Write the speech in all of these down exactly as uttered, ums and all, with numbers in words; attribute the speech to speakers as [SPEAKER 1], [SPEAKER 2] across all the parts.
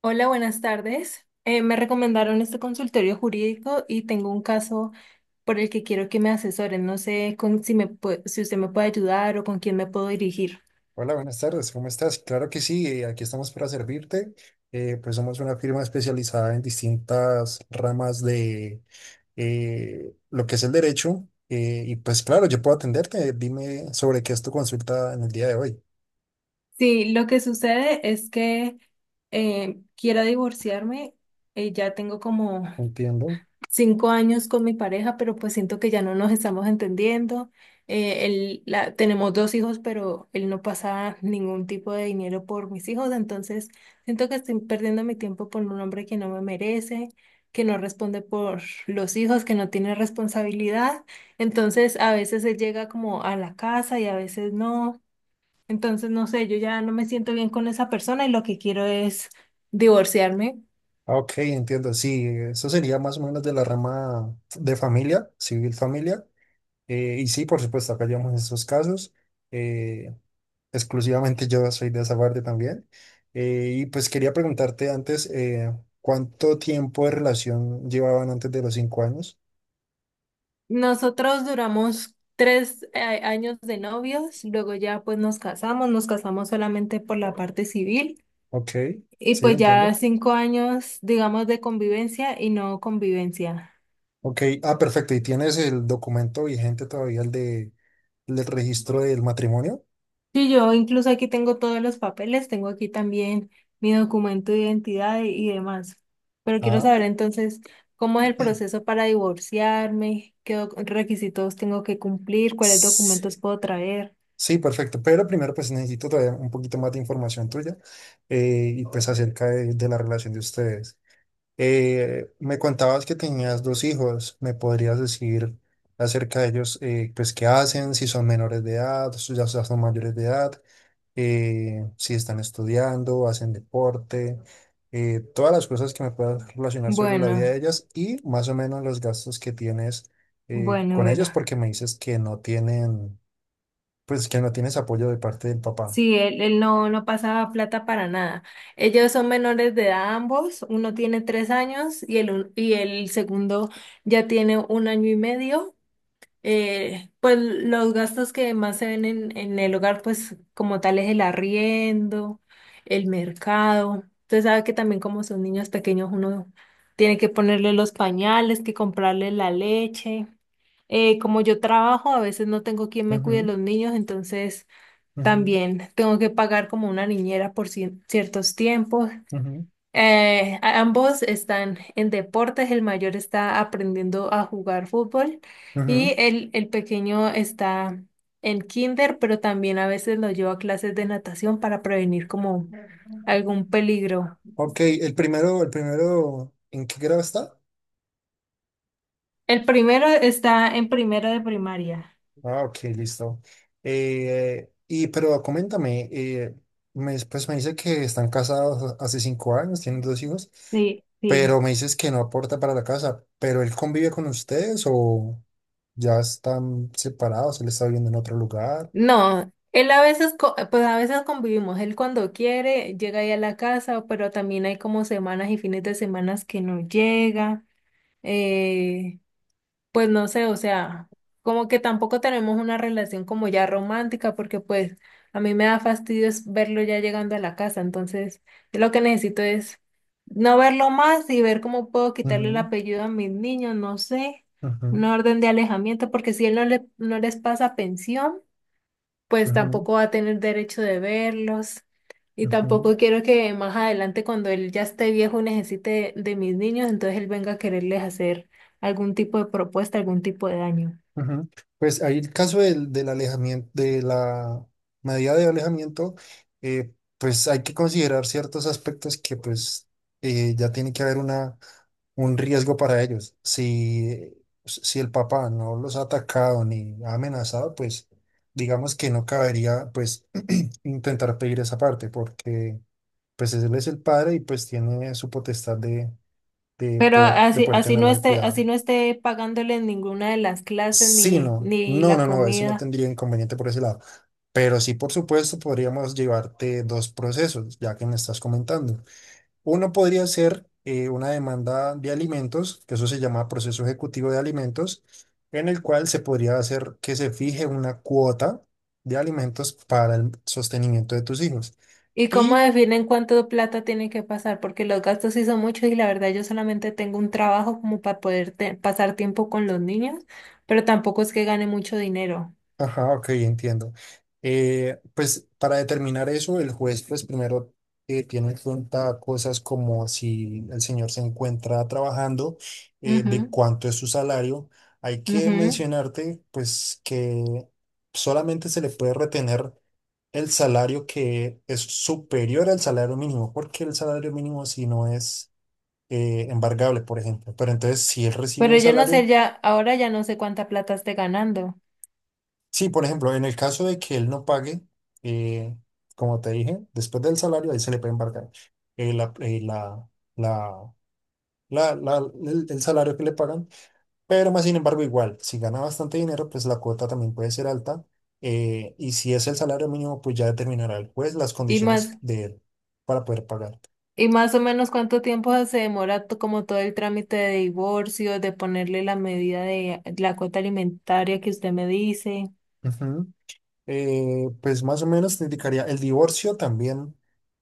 [SPEAKER 1] Hola, buenas tardes. Eh, me recomendaron este consultorio jurídico y tengo un caso por el que quiero que me asesoren. No sé con- si me pue- si usted me puede ayudar o con quién me puedo dirigir.
[SPEAKER 2] Hola, buenas tardes, ¿cómo estás? Claro que sí, eh, aquí estamos para servirte. Eh, pues somos una firma especializada en distintas ramas de eh, lo que es el derecho. eh, y pues claro, yo puedo atenderte. Dime sobre qué es tu consulta en el día de hoy.
[SPEAKER 1] Sí, lo que sucede es que eh, quiero divorciarme. Eh, ya tengo como
[SPEAKER 2] Entiendo.
[SPEAKER 1] cinco años con mi pareja, pero pues siento que ya no nos estamos entendiendo. Eh, él, la, tenemos dos hijos, pero él no pasa ningún tipo de dinero por mis hijos, entonces siento que estoy perdiendo mi tiempo por un hombre que no me merece, que no responde por los hijos, que no tiene responsabilidad. Entonces a veces él llega como a la casa y a veces no. Entonces, no sé, yo ya no me siento bien con esa persona y lo que quiero es divorciarme.
[SPEAKER 2] Ah, ok, entiendo, sí, eso sería más o menos de la rama de familia, civil familia. Eh, y sí, por supuesto, acá llevamos esos casos. Eh, exclusivamente yo soy de esa parte también. Eh, y pues quería preguntarte antes, eh, ¿cuánto tiempo de relación llevaban antes de los cinco años?
[SPEAKER 1] Nosotros duramos tres eh, años de novios, luego ya pues nos casamos, nos casamos solamente por la parte civil
[SPEAKER 2] Ok,
[SPEAKER 1] y
[SPEAKER 2] sí,
[SPEAKER 1] pues
[SPEAKER 2] entiendo.
[SPEAKER 1] ya cinco años, digamos, de convivencia y no convivencia.
[SPEAKER 2] Ok, ah, perfecto. ¿Y tienes el documento vigente todavía, el de, el del registro del matrimonio?
[SPEAKER 1] Sí, yo incluso aquí tengo todos los papeles, tengo aquí también mi documento de identidad y, y demás. Pero quiero
[SPEAKER 2] Ah,
[SPEAKER 1] saber entonces cómo es el proceso para divorciarme, qué doc- requisitos tengo que cumplir, cuáles
[SPEAKER 2] s-
[SPEAKER 1] documentos puedo traer.
[SPEAKER 2] sí, perfecto. Pero primero, pues necesito todavía un poquito más de información tuya eh, y pues acerca de de la relación de ustedes. Eh, me contabas que tenías dos hijos. ¿Me podrías decir acerca de ellos, eh, pues qué hacen, si son menores de edad, si ya son mayores de edad, eh, si están estudiando, hacen deporte, eh, todas las cosas que me puedas relacionar sobre la vida
[SPEAKER 1] Bueno,
[SPEAKER 2] de ellas y más o menos los gastos que tienes eh,
[SPEAKER 1] bueno,
[SPEAKER 2] con ellos,
[SPEAKER 1] bueno.
[SPEAKER 2] porque me dices que no tienen, pues que no tienes apoyo de parte del papá.
[SPEAKER 1] Sí, él, él no, no pasaba plata para nada. Ellos son menores de edad ambos, uno tiene tres años y el, un- y el segundo ya tiene un año y medio. Eh, pues los gastos que más se ven en, en el hogar, pues como tal es el arriendo, el mercado. Usted sabe que también como son niños pequeños, uno tiene que ponerle los pañales, que comprarle la leche eh, como yo trabajo, a veces no tengo quien me cuide
[SPEAKER 2] Ujú,
[SPEAKER 1] los niños, entonces
[SPEAKER 2] ujú,
[SPEAKER 1] también tengo que pagar como una niñera por cien- ciertos tiempos.
[SPEAKER 2] ujú,
[SPEAKER 1] Eh, a- ambos están en deportes, el mayor está aprendiendo a jugar fútbol
[SPEAKER 2] ujú.
[SPEAKER 1] y el, el pequeño está en kinder, pero también a veces lo llevo a clases de natación para prevenir como algún peligro.
[SPEAKER 2] Ok, el primero, el primero, ¿en qué grado está?
[SPEAKER 1] El primero está en primero de primaria.
[SPEAKER 2] Ah, ok, listo. Eh, y pero coméntame, eh, me, pues me dice que están casados hace cinco años, tienen dos hijos,
[SPEAKER 1] Sí, sí.
[SPEAKER 2] pero me dices que no aporta para la casa, pero él convive con ustedes o ya están separados, él está viviendo en otro lugar.
[SPEAKER 1] No, él a veces, co- pues a veces convivimos, él cuando quiere llega ahí a la casa, pero también hay como semanas y fines de semanas que no llega. eh, pues no sé, o sea, como que tampoco tenemos una relación como ya romántica, porque pues a mí me da fastidio es verlo ya llegando a la casa, entonces yo lo que necesito es no verlo más y ver cómo puedo quitarle el
[SPEAKER 2] Ujú,
[SPEAKER 1] apellido a mis niños, no sé,
[SPEAKER 2] ujú,
[SPEAKER 1] una orden de alejamiento, porque si él no le, no les pasa pensión pues
[SPEAKER 2] ujú,
[SPEAKER 1] tampoco va a tener derecho de verlos. Y
[SPEAKER 2] ujú.
[SPEAKER 1] tampoco quiero que más adelante, cuando él ya esté viejo, necesite de, de mis niños, entonces él venga a quererles hacer algún tipo de propuesta, algún tipo de daño.
[SPEAKER 2] Ujú. Pues ahí el caso del, del alejamiento, de la medida de alejamiento, eh, pues hay que considerar ciertos aspectos que pues eh, ya tiene que haber una, un riesgo para ellos. Si, si el papá no los ha atacado ni ha amenazado, pues digamos que no cabería pues intentar pedir esa parte porque pues él es el padre y pues tiene su potestad de, de
[SPEAKER 1] Pero
[SPEAKER 2] poder, de
[SPEAKER 1] así,
[SPEAKER 2] poder
[SPEAKER 1] así no
[SPEAKER 2] tenerlo al
[SPEAKER 1] esté,
[SPEAKER 2] cuidado.
[SPEAKER 1] así no esté pagándoles ninguna de las clases
[SPEAKER 2] Sí,
[SPEAKER 1] ni,
[SPEAKER 2] no,
[SPEAKER 1] ni
[SPEAKER 2] no,
[SPEAKER 1] la
[SPEAKER 2] no, no, eso no
[SPEAKER 1] comida.
[SPEAKER 2] tendría inconveniente por ese lado. Pero sí, por supuesto, podríamos llevarte dos procesos, ya que me estás comentando. Uno podría ser eh, una demanda de alimentos, que eso se llama proceso ejecutivo de alimentos, en el cual se podría hacer que se fije una cuota de alimentos para el sostenimiento de tus hijos.
[SPEAKER 1] ¿Y cómo
[SPEAKER 2] Y
[SPEAKER 1] definen cuánto plata tiene que pasar? Porque los gastos sí son muchos y la verdad yo solamente tengo un trabajo como para poder te- pasar tiempo con los niños, pero tampoco es que gane mucho dinero.
[SPEAKER 2] Ajá, ok, entiendo. Eh, pues para determinar eso, el juez pues primero eh, tiene en cuenta cosas como si el señor se encuentra trabajando, eh, de
[SPEAKER 1] Ujú.
[SPEAKER 2] cuánto es su salario. Hay que
[SPEAKER 1] Ujú.
[SPEAKER 2] mencionarte pues que solamente se le puede retener el salario que es superior al salario mínimo, porque el salario mínimo si no es eh, embargable, por ejemplo. Pero entonces, si él recibe
[SPEAKER 1] Pero
[SPEAKER 2] un
[SPEAKER 1] yo no sé
[SPEAKER 2] salario.
[SPEAKER 1] ya, ahora ya no sé cuánta plata esté ganando.
[SPEAKER 2] Sí, por ejemplo, en el caso de que él no pague, eh, como te dije, después del salario, ahí se le puede embargar eh, la- eh, la- la- la- la- el, el salario que le pagan, pero más sin embargo, igual, si gana bastante dinero, pues la cuota también puede ser alta. eh, y si es el salario mínimo, pues ya determinará el juez las
[SPEAKER 1] Y
[SPEAKER 2] condiciones
[SPEAKER 1] más,
[SPEAKER 2] de él para poder pagar.
[SPEAKER 1] y más o menos cuánto tiempo se demora to- como todo el trámite de divorcio, de ponerle la medida de la cuota alimentaria que usted me dice.
[SPEAKER 2] eh, pues más o menos te indicaría el divorcio también,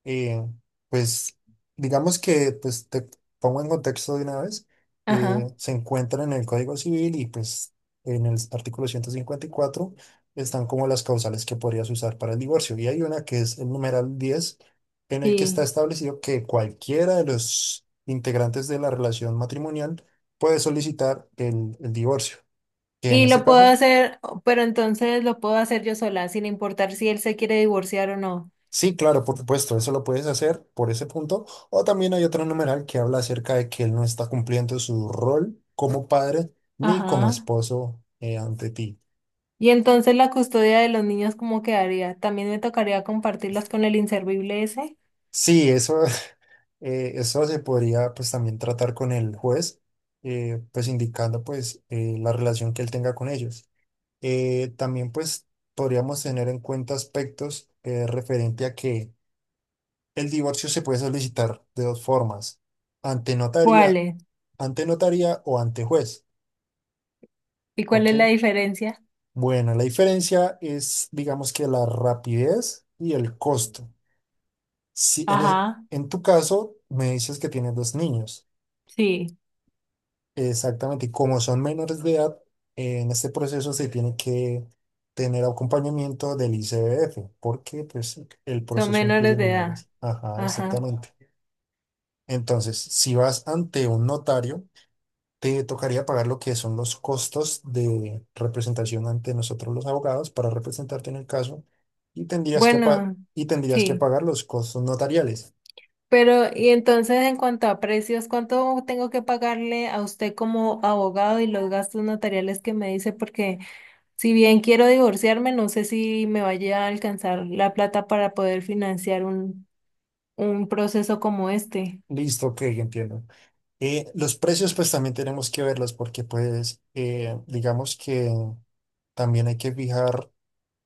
[SPEAKER 2] eh, pues digamos que pues te pongo en contexto de una vez, eh,
[SPEAKER 1] Ajá.
[SPEAKER 2] se encuentra en el Código Civil y pues en el artículo ciento cincuenta y cuatro están como las causales que podrías usar para el divorcio y hay una que es el numeral diez en el que está
[SPEAKER 1] Sí.
[SPEAKER 2] establecido que cualquiera de los integrantes de la relación matrimonial puede solicitar el el divorcio que en
[SPEAKER 1] Y
[SPEAKER 2] este
[SPEAKER 1] lo puedo
[SPEAKER 2] caso.
[SPEAKER 1] hacer, pero entonces lo puedo hacer yo sola, sin importar si él se quiere divorciar o no.
[SPEAKER 2] Sí, claro, por supuesto, eso lo puedes hacer por ese punto. O también hay otro numeral que habla acerca de que él no está cumpliendo su rol como padre ni como
[SPEAKER 1] Ajá.
[SPEAKER 2] esposo eh, ante ti.
[SPEAKER 1] Y entonces la custodia de los niños, ¿cómo quedaría? ¿También me tocaría compartirlas con el inservible ese?
[SPEAKER 2] Sí, eso, eh, eso se podría pues también tratar con el juez, eh, pues indicando pues eh, la relación que él tenga con ellos. Eh, también pues podríamos tener en cuenta aspectos eh, referente a que el divorcio se puede solicitar de dos formas, ante notaría,
[SPEAKER 1] ¿Cuáles?
[SPEAKER 2] ante notaría o ante juez.
[SPEAKER 1] ¿Y cuál
[SPEAKER 2] Ok.
[SPEAKER 1] es la diferencia?
[SPEAKER 2] Bueno, la diferencia es, digamos que la rapidez y el costo. Si en, es-
[SPEAKER 1] Ajá.
[SPEAKER 2] en tu caso me dices que tienes dos niños,
[SPEAKER 1] Sí,
[SPEAKER 2] exactamente, y como son menores de edad, eh, en este proceso se tiene que tener acompañamiento del I C B F, porque pues el
[SPEAKER 1] son
[SPEAKER 2] proceso incluye
[SPEAKER 1] menores de edad.
[SPEAKER 2] menores. Ajá,
[SPEAKER 1] Ajá.
[SPEAKER 2] exactamente. Entonces, si vas ante un notario, te tocaría pagar lo que son los costos de representación ante nosotros los abogados para representarte en el caso y tendrías que, pa-
[SPEAKER 1] Bueno,
[SPEAKER 2] y tendrías que
[SPEAKER 1] sí.
[SPEAKER 2] pagar los costos notariales.
[SPEAKER 1] Pero, y entonces en cuanto a precios, ¿cuánto tengo que pagarle a usted como abogado y los gastos notariales que me dice? Porque si bien quiero divorciarme, no sé si me vaya a alcanzar la plata para poder financiar un, un proceso como este.
[SPEAKER 2] Listo, ok, entiendo. Eh, los precios pues también tenemos que verlos porque pues eh, digamos que también hay que fijar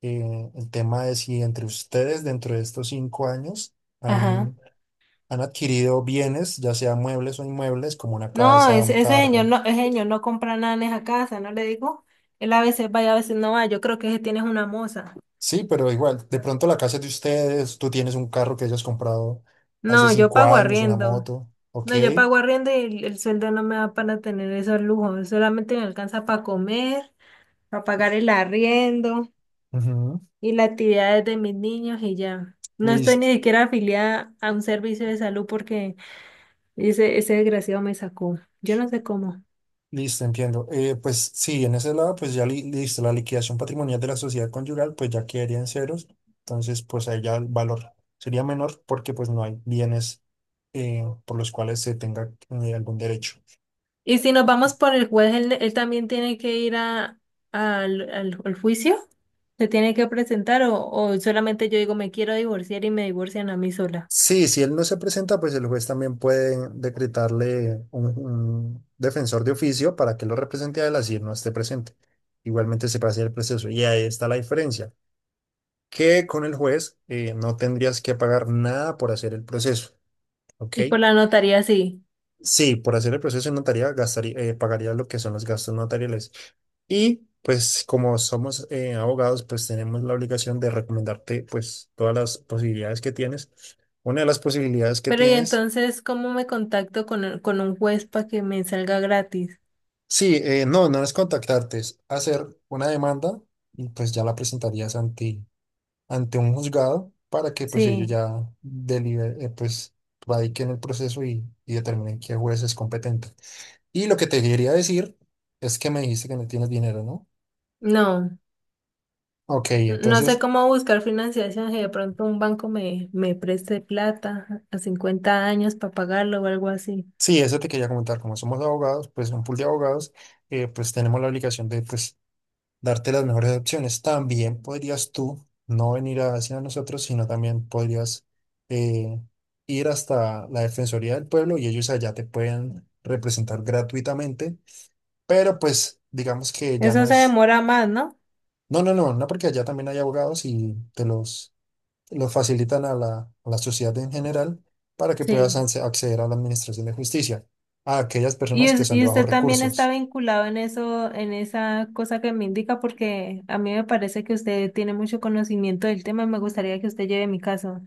[SPEAKER 2] eh, el tema de si entre ustedes dentro de estos cinco años
[SPEAKER 1] Ajá.
[SPEAKER 2] han, han adquirido bienes, ya sea muebles o inmuebles, como una
[SPEAKER 1] No,
[SPEAKER 2] casa, un
[SPEAKER 1] ese, ese señor
[SPEAKER 2] carro.
[SPEAKER 1] no, ese señor no compra nada en esa casa, ¿no le digo? Él a veces vaya, a veces no va. Yo creo que ese tiene es una moza.
[SPEAKER 2] Sí, pero igual, de pronto la casa es de ustedes, tú tienes un carro que hayas comprado hace
[SPEAKER 1] No, yo
[SPEAKER 2] cinco
[SPEAKER 1] pago
[SPEAKER 2] años, una
[SPEAKER 1] arriendo.
[SPEAKER 2] moto, ok,
[SPEAKER 1] No, yo pago arriendo y el, el sueldo no me da para tener esos lujos, solamente me alcanza para comer, para pagar el arriendo
[SPEAKER 2] ujú.
[SPEAKER 1] y las actividades de mis niños y ya. No estoy
[SPEAKER 2] Listo,
[SPEAKER 1] ni siquiera afiliada a un servicio de salud porque ese, ese desgraciado me sacó. Yo no sé cómo.
[SPEAKER 2] listo, entiendo. Eh, pues sí, en ese lado, pues ya li- listo, la liquidación patrimonial de la sociedad conyugal, pues ya quedaría en ceros, entonces pues ahí ya el valor sería menor porque pues no hay bienes eh, por los cuales se tenga eh, algún derecho.
[SPEAKER 1] Y si nos vamos por el juez, él, él también tiene que ir a, al, al- al juicio, se tiene que presentar o, o solamente yo digo me quiero divorciar y me divorcian a mí sola.
[SPEAKER 2] Sí, si él no se presenta, pues el juez también puede decretarle un, un defensor de oficio para que lo represente a él así él no esté presente. Igualmente se pasa el proceso. Y ahí está la diferencia, que con el juez eh, no tendrías que pagar nada por hacer el proceso, ¿ok?
[SPEAKER 1] Y por la notaría sí.
[SPEAKER 2] Sí, por hacer el proceso en notaría gastaría, eh, pagaría lo que son los gastos notariales. Y pues como somos eh, abogados, pues tenemos la obligación de recomendarte pues todas las posibilidades que tienes. Una de las posibilidades que
[SPEAKER 1] Pero y
[SPEAKER 2] tienes.
[SPEAKER 1] entonces, ¿cómo me contacto con, un- con un juez para que me salga gratis?
[SPEAKER 2] Sí, eh, no, no es contactarte, es hacer una demanda y pues ya la presentarías ante, ante un juzgado para que pues ellos
[SPEAKER 1] Sí.
[SPEAKER 2] ya deliberen, eh, pues radiquen el proceso y, y determinen qué juez es competente. Y lo que te quería decir es que me dijiste que no tienes dinero, ¿no?
[SPEAKER 1] No,
[SPEAKER 2] Ok,
[SPEAKER 1] n- no sé
[SPEAKER 2] entonces,
[SPEAKER 1] cómo buscar financiación, si de pronto un banco me, me preste plata a cincuenta años para pagarlo o algo así.
[SPEAKER 2] sí, eso te quería comentar, como somos abogados, pues un pool de abogados, eh, pues tenemos la obligación de pues darte las mejores opciones. También podrías tú no venir hacia nosotros, sino también podrías eh, ir hasta la Defensoría del Pueblo y ellos allá te pueden representar gratuitamente, pero pues digamos que ya
[SPEAKER 1] Eso
[SPEAKER 2] no
[SPEAKER 1] se
[SPEAKER 2] es...
[SPEAKER 1] demora más, ¿no?
[SPEAKER 2] No, no, no, no, porque allá también hay abogados y te los, los facilitan a la, a la sociedad en general para que puedas
[SPEAKER 1] Sí.
[SPEAKER 2] anse- acceder a la Administración de Justicia, a aquellas
[SPEAKER 1] Y,
[SPEAKER 2] personas que
[SPEAKER 1] us-
[SPEAKER 2] son de
[SPEAKER 1] y
[SPEAKER 2] bajos
[SPEAKER 1] usted también está
[SPEAKER 2] recursos.
[SPEAKER 1] vinculado en eso, en esa cosa que me indica, porque a mí me parece que usted tiene mucho conocimiento del tema y me gustaría que usted lleve mi caso.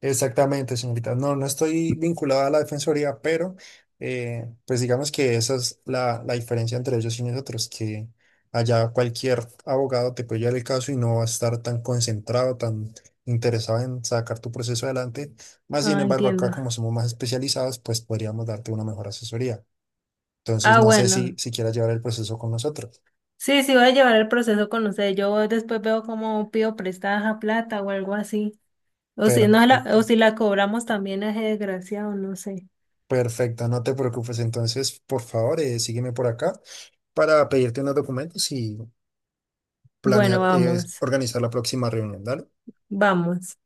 [SPEAKER 2] Exactamente, señorita. No, no estoy vinculada a la defensoría, pero eh, pues digamos que esa es la, la diferencia entre ellos y nosotros, que allá cualquier abogado te puede llevar el caso y no va a estar tan concentrado, tan interesado en sacar tu proceso adelante. Más sin
[SPEAKER 1] Ah,
[SPEAKER 2] embargo, acá
[SPEAKER 1] entiendo.
[SPEAKER 2] como somos más especializados, pues podríamos darte una mejor asesoría. Entonces,
[SPEAKER 1] Ah,
[SPEAKER 2] no sé si,
[SPEAKER 1] bueno.
[SPEAKER 2] si quieras llevar el proceso con nosotros.
[SPEAKER 1] Sí, sí, voy a llevar el proceso con usted. Yo después veo cómo pido prestada plata o algo así. O si no la, o
[SPEAKER 2] Perfecto.
[SPEAKER 1] si la cobramos también es desgraciado, no sé.
[SPEAKER 2] Perfecto, no te preocupes. Entonces, por favor, eh, sígueme por acá para pedirte unos documentos y
[SPEAKER 1] Bueno,
[SPEAKER 2] planear, es
[SPEAKER 1] vamos,
[SPEAKER 2] organizar la próxima reunión, ¿dale?
[SPEAKER 1] vamos.